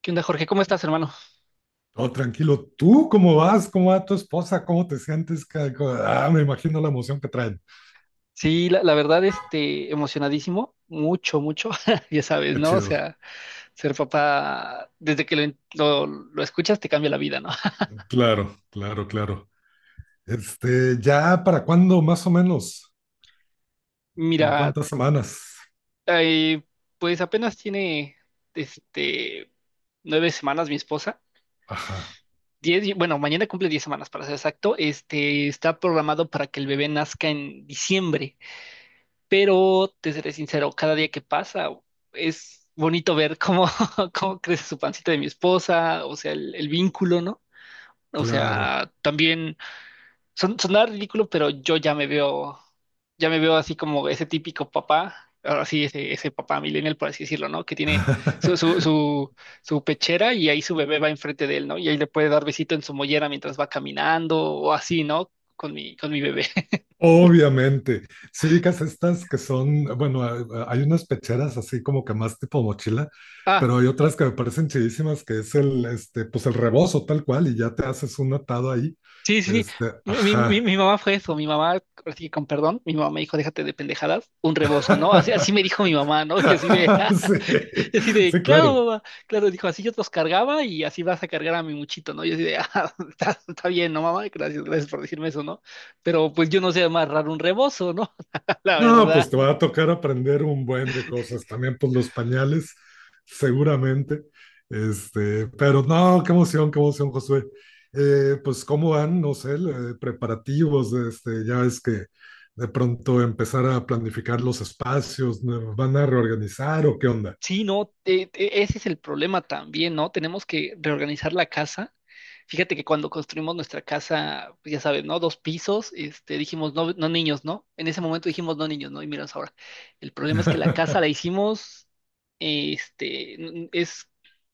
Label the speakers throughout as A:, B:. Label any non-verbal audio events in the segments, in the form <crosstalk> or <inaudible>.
A: ¿Qué onda, Jorge? ¿Cómo estás, hermano?
B: Todo tranquilo. ¿Tú cómo vas? ¿Cómo va tu esposa? ¿Cómo te sientes? Me imagino la emoción que traen.
A: Sí, la verdad, emocionadísimo, mucho, mucho, <laughs> ya sabes,
B: Qué
A: ¿no? O
B: chido.
A: sea, ser papá, desde que lo escuchas, te cambia la vida, ¿no? <laughs>
B: Claro, claro, claro. ¿Ya para cuándo más o menos? ¿En
A: Mira,
B: cuántas semanas?
A: eh, pues apenas tiene, este, nueve semanas mi esposa,
B: Ajá,
A: diez, bueno, mañana cumple diez semanas, para ser exacto. este, está programado para que el bebé nazca en diciembre. Pero te seré sincero, cada día que pasa es bonito ver cómo, <laughs> cómo crece su pancita de mi esposa, o sea, el vínculo, ¿no? O
B: claro.
A: sea, también sonaba ridículo, pero yo ya me veo así como ese típico papá, ahora sí, ese papá millennial, por así decirlo, ¿no? Que tiene su, su,
B: <laughs>
A: su, su pechera y ahí su bebé va enfrente de él, ¿no? Y ahí le puede dar besito en su mollera mientras va caminando o así, ¿no? Con mi bebé. <laughs>
B: Obviamente. Si ubicas estas que son, bueno, hay unas pecheras así como que más tipo mochila,
A: Ah.
B: pero hay otras que me parecen chidísimas que es pues el rebozo tal cual y ya te haces un atado ahí.
A: Sí, sí, sí. Mi, mi- mi-
B: Ajá.
A: mi mamá fue eso, mi mamá, ahora sí que con perdón, mi mamá me dijo, déjate de pendejadas, un rebozo, ¿no? Así me
B: <laughs>
A: dijo mi mamá, ¿no? <laughs>
B: Sí,
A: <laughs> Y así de,
B: sí,
A: claro,
B: claro.
A: mamá, claro, dijo, así yo te los cargaba y así vas a cargar a mi muchito, ¿no? Y así de, <laughs> ah, está bien, ¿no, mamá? Gracias, gracias por decirme eso, ¿no? Pero pues yo no sé amarrar un rebozo, ¿no? <laughs> La
B: No,
A: verdad,
B: pues te va a tocar aprender un buen de cosas. También, pues los pañales, seguramente. Pero no, qué emoción, Josué. Pues, ¿cómo van, no sé, preparativos? Ya ves que de pronto empezar a planificar los espacios, ¿no? ¿Van a reorganizar o qué onda?
A: sí, no, ese es el problema también, ¿no? Tenemos que reorganizar la casa. Fíjate que cuando construimos nuestra casa, pues ya sabes, ¿no? Dos pisos, dijimos no niños, ¿no? En ese momento dijimos no niños, ¿no? Y miras ahora. El problema es que la casa
B: <laughs>
A: la hicimos, es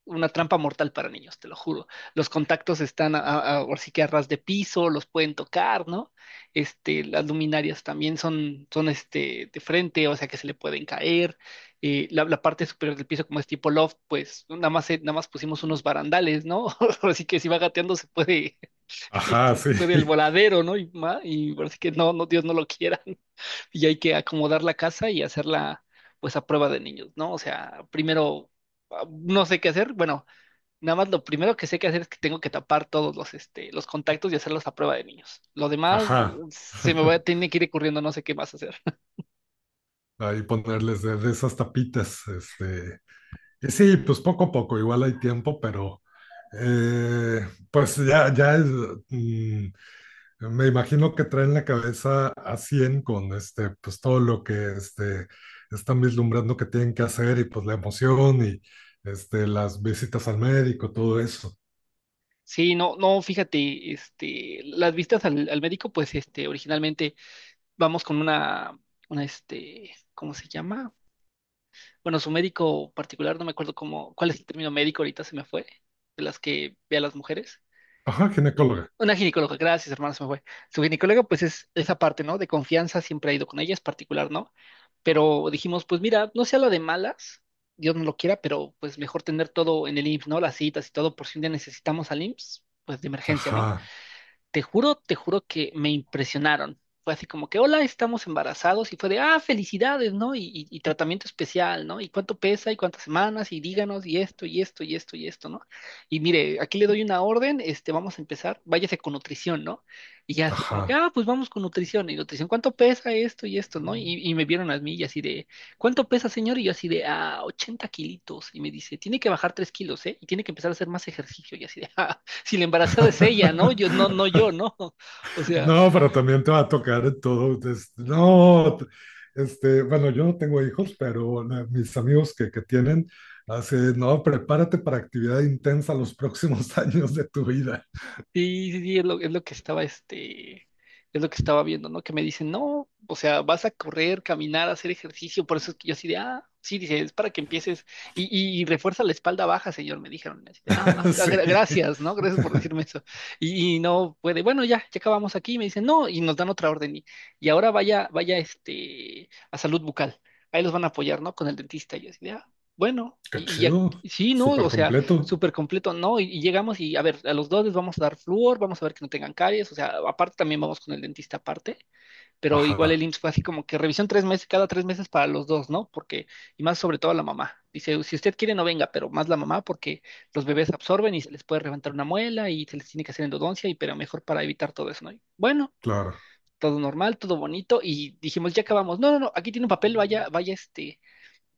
A: una trampa mortal para niños, te lo juro. Los contactos están ahora sí que a ras de piso, los pueden tocar, ¿no? Las luminarias también son de frente, o sea que se le pueden caer la parte superior del piso, como es tipo loft, pues nada más, nada más pusimos unos barandales, ¿no? <laughs> Así que si va gateando se puede, <laughs>
B: Ajá,
A: se
B: sí,
A: puede el voladero, ¿no? Y, y parece que no, no, Dios no lo quiera. <laughs> Y hay que acomodar la casa y hacerla, pues, a prueba de niños, ¿no? O sea, primero, no sé qué hacer. Bueno, nada más lo primero que sé que hacer es que tengo que tapar todos los contactos y hacerlos a prueba de niños. Lo demás,
B: ajá.
A: se me va,
B: <laughs>
A: tiene que ir ocurriendo, no sé qué más hacer.
B: Ahí ponerles de esas tapitas, y sí, pues poco a poco, igual hay tiempo, pero eh, pues ya es, mm, me imagino que traen la cabeza a 100 con pues todo lo que están vislumbrando que tienen que hacer y pues la emoción y este, las visitas al médico, todo eso.
A: Sí, no, no, fíjate, las vistas al médico, pues, originalmente vamos con una, ¿cómo se llama? Bueno, su médico particular, no me acuerdo cómo, cuál es el término médico, ahorita se me fue, de las que ve a las mujeres.
B: Ajá, ginecóloga.
A: Una ginecóloga, gracias, hermano, se me fue. Su ginecóloga, pues, es esa parte, ¿no? De confianza, siempre ha ido con ella, es particular, ¿no? Pero dijimos, pues, mira, no sea la de malas, Dios no lo quiera, pero, pues, mejor tener todo en el IMSS, ¿no? Las citas y todo, por si un día necesitamos al IMSS, pues, de emergencia, ¿no?
B: Ajá,
A: Te juro que me impresionaron. Fue así como que, hola, estamos embarazados, y fue de, felicidades, ¿no? Y tratamiento especial, ¿no? Y cuánto pesa y cuántas semanas y díganos y esto y esto y esto y esto, ¿no? Y mire, aquí le doy una orden, vamos a empezar, váyase con nutrición, ¿no? Y ya así como que,
B: ajá.
A: pues vamos con nutrición, y nutrición, ¿cuánto pesa esto y esto, ¿no? Y me vieron a mí y así de, ¿cuánto pesa, señor? Y yo así de, 80 kilitos. Y me dice, tiene que bajar 3 kilos, ¿eh? Y tiene que empezar a hacer más ejercicio. Y así de, <laughs> si la embarazada es ella, ¿no? Yo, no, no
B: <laughs>
A: yo, ¿no? <laughs> O sea,
B: No, pero también te va a tocar todo. Des- No, t- este, Bueno, yo no tengo hijos, pero mis amigos que tienen, así, no, prepárate para actividad intensa los próximos <laughs> años de tu vida.
A: sí, sí, sí, es lo que estaba viendo, ¿no? Que me dicen, no, o sea, vas a correr, caminar, hacer ejercicio, por eso es que yo así de, sí, dice, es para que empieces, y refuerza la espalda baja, señor, me dijeron, así de,
B: <laughs> Sí,
A: gracias, ¿no? Gracias por decirme eso. Y no puede, bueno, ya, acabamos aquí, me dicen, no, y nos dan otra orden, y ahora vaya, a salud bucal, ahí los van a apoyar, ¿no? Con el dentista, y yo así de, bueno,
B: qué
A: y ya,
B: chido,
A: sí, ¿no?
B: súper
A: O sea,
B: completo.
A: súper completo, ¿no? Y llegamos y, a ver, a los dos les vamos a dar flúor, vamos a ver que no tengan caries, o sea, aparte también vamos con el dentista aparte, pero igual el
B: Ajá,
A: IMSS fue así como que revisión tres meses, cada tres meses para los dos, ¿no? Porque, y más sobre todo a la mamá. Dice, si usted quiere no venga, pero más la mamá porque los bebés absorben y se les puede reventar una muela y se les tiene que hacer endodoncia, y pero mejor para evitar todo eso, ¿no? Y bueno,
B: claro,
A: todo normal, todo bonito, y dijimos, ya acabamos. No, no, no, aquí tiene un papel, vaya,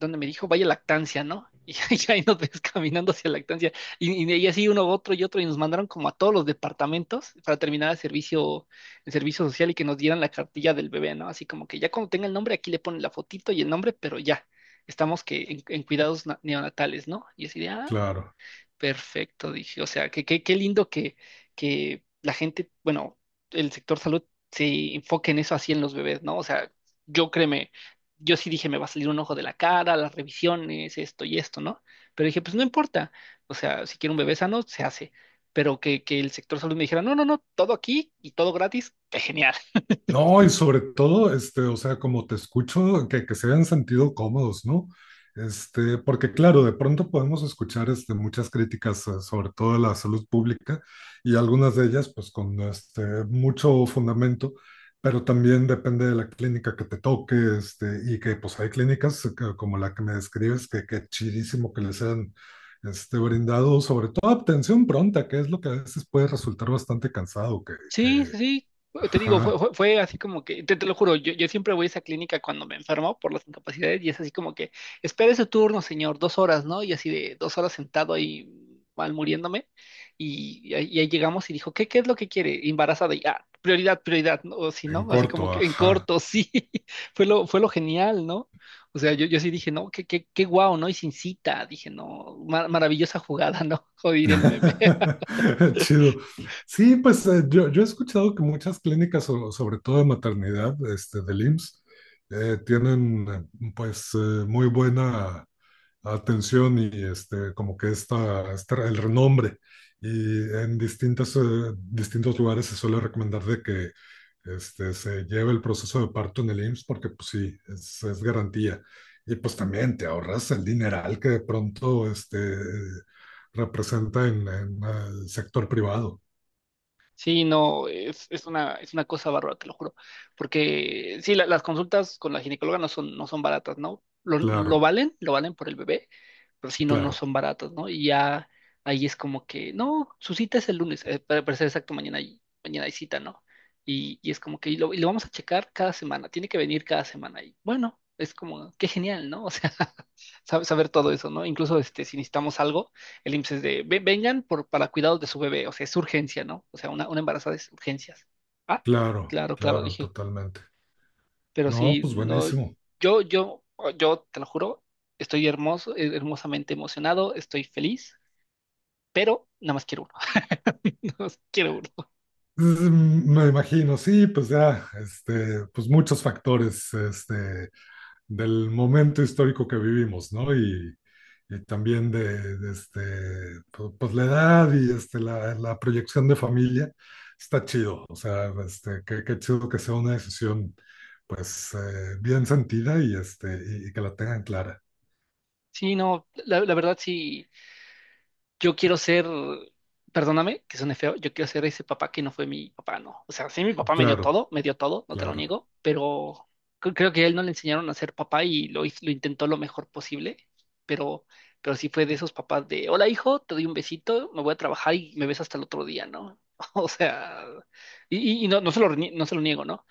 A: donde me dijo, vaya lactancia, ¿no? <laughs> Y ahí nos ves caminando hacia lactancia. Y así uno, otro y otro, y nos mandaron como a todos los departamentos para terminar el servicio, social y que nos dieran la cartilla del bebé, ¿no? Así como que ya cuando tenga el nombre, aquí le ponen la fotito y el nombre, pero ya, estamos que en, cuidados neonatales, ¿no? Y así de,
B: claro.
A: perfecto, dije. O sea, qué lindo que la gente, bueno, el sector salud se enfoque en eso, así en los bebés, ¿no? O sea, yo, créeme, yo sí dije, me va a salir un ojo de la cara, las revisiones, esto y esto, ¿no? Pero dije, pues no importa. O sea, si quiero un bebé sano, se hace. Pero que el sector salud me dijera, no, no, no, todo aquí y todo gratis, qué genial.
B: No, y sobre todo, o sea, como te escucho, que se hayan sentido cómodos, ¿no? Porque claro, de pronto podemos escuchar, muchas críticas, sobre todo de la salud pública, y algunas de ellas, pues, con, mucho fundamento, pero también depende de la clínica que te toque, y que, pues, hay clínicas como la que me describes, que chidísimo que les han, brindado, sobre todo atención pronta, que es lo que a veces puede resultar bastante cansado,
A: Sí, sí, sí. Te digo, fue,
B: ajá.
A: fue así como que, te lo juro, yo siempre voy a esa clínica cuando me enfermo por las incapacidades y es así como que, espere su turno, señor, dos horas, ¿no? Y así de dos horas sentado ahí mal muriéndome, y ahí llegamos y dijo, qué es lo que quiere? Embarazada. Y, prioridad, prioridad, ¿no? O sí no,
B: En
A: así como
B: corto,
A: que en
B: ajá.
A: corto, sí, <laughs> fue lo genial, ¿no? O sea, yo sí dije, no, qué guau, ¿no? Y sin cita, dije, no, maravillosa jugada, ¿no? <laughs> Joder, el meme.
B: <laughs> Chido. Sí, pues yo he escuchado que muchas clínicas, sobre todo de maternidad, del IMSS, tienen muy buena atención y como que el renombre. Y en distintas, distintos lugares se suele recomendar de que se lleve el proceso de parto en el IMSS porque pues sí, es garantía. Y pues también te ahorras el dineral que de pronto representa en el sector privado.
A: Sí, no, es, es una cosa bárbara, te lo juro. Porque sí, las consultas con la ginecóloga no son baratas, ¿no? Lo
B: Claro,
A: valen, lo valen por el bebé, pero sí, no, no
B: claro,
A: son baratas, ¿no? Y ya ahí es como que, no, su cita es el lunes, para, ser exacto, mañana hay cita, ¿no? Y es como que y lo vamos a checar cada semana, tiene que venir cada semana. Y bueno, es como, qué genial, ¿no? <laughs> O sea, saber todo eso, ¿no? Incluso, si necesitamos algo. El IMSS es de, vengan para cuidados de su bebé", o sea, es urgencia, ¿no? O sea, una, embarazada es urgencias. Ah,
B: claro,
A: claro, claro,
B: claro,
A: dije,
B: totalmente.
A: pero
B: No,
A: sí,
B: pues
A: no,
B: buenísimo.
A: yo, yo, yo te lo juro, estoy hermoso, hermosamente emocionado, estoy feliz, pero nada más quiero uno, <laughs> nada más quiero uno.
B: Pues, mm, me imagino, sí, pues ya, pues muchos factores, del momento histórico que vivimos, ¿no? Y también de pues la edad y este, la proyección de familia, está chido, o sea, qué chido que sea una decisión, pues, bien sentida y y que la tengan clara.
A: Sí, no, la verdad sí, yo quiero ser, perdóname que suene feo, yo quiero ser ese papá que no fue mi papá, no. O sea, sí, mi papá
B: Claro,
A: me dio todo, no te lo
B: claro,
A: niego, pero creo que a él no le enseñaron a ser papá y lo intentó lo mejor posible, pero, sí fue de esos papás de, hola hijo, te doy un besito, me voy a trabajar y me ves hasta el otro día, ¿no? <laughs> O sea, y, no se lo, no se lo niego, ¿no?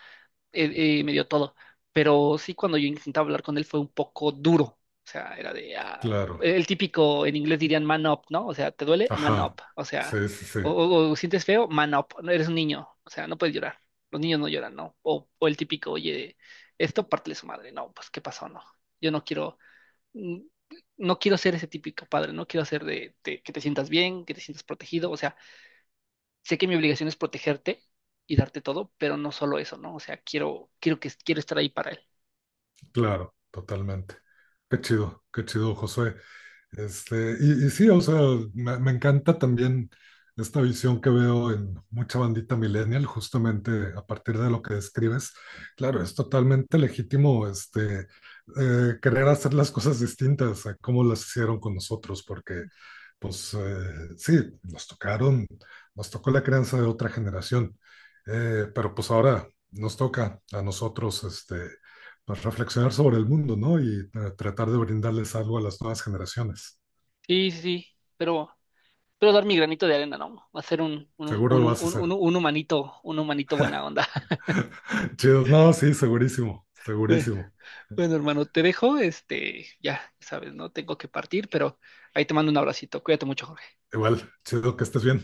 A: Me dio todo. Pero sí, cuando yo intentaba hablar con él fue un poco duro. O sea, era de,
B: claro,
A: el típico, en inglés dirían man up, ¿no? O sea, ¿te duele? Man up.
B: ajá,
A: O sea,
B: sí, sí, sí,
A: o sientes feo, man up. No eres un niño. O sea, no puedes llorar. Los niños no lloran, ¿no? O el típico, oye, esto parte de su madre. No, pues, ¿qué pasó? No. Yo no quiero, mm, no quiero ser ese típico padre. No quiero ser de, que te sientas bien, que te sientas protegido. O sea, sé que mi obligación es protegerte y darte todo, pero no solo eso, ¿no? O sea, quiero estar ahí para él.
B: claro, totalmente. Qué chido, Josué. Y sí, o sea, me encanta también esta visión que veo en mucha bandita millennial, justamente a partir de lo que describes. Claro, es totalmente legítimo querer hacer las cosas distintas a cómo las hicieron con nosotros, porque pues sí, nos tocaron, nos tocó la crianza de otra generación. Pero pues ahora nos toca a nosotros pues, reflexionar sobre el mundo, ¿no? Y tratar de brindarles algo a las nuevas generaciones.
A: Sí, sí, sí, pero, dar mi granito de arena, ¿no? Hacer un, un,
B: Seguro lo
A: un, un,
B: vas a hacer.
A: un, un humanito, un humanito buena onda. <laughs>
B: <laughs> Chido. No, sí, segurísimo,
A: Bueno,
B: segurísimo.
A: bueno, hermano, te dejo, ya sabes, ¿no? Tengo que partir, pero ahí te mando un abracito. Cuídate mucho, Jorge.
B: Igual, chido que estés bien.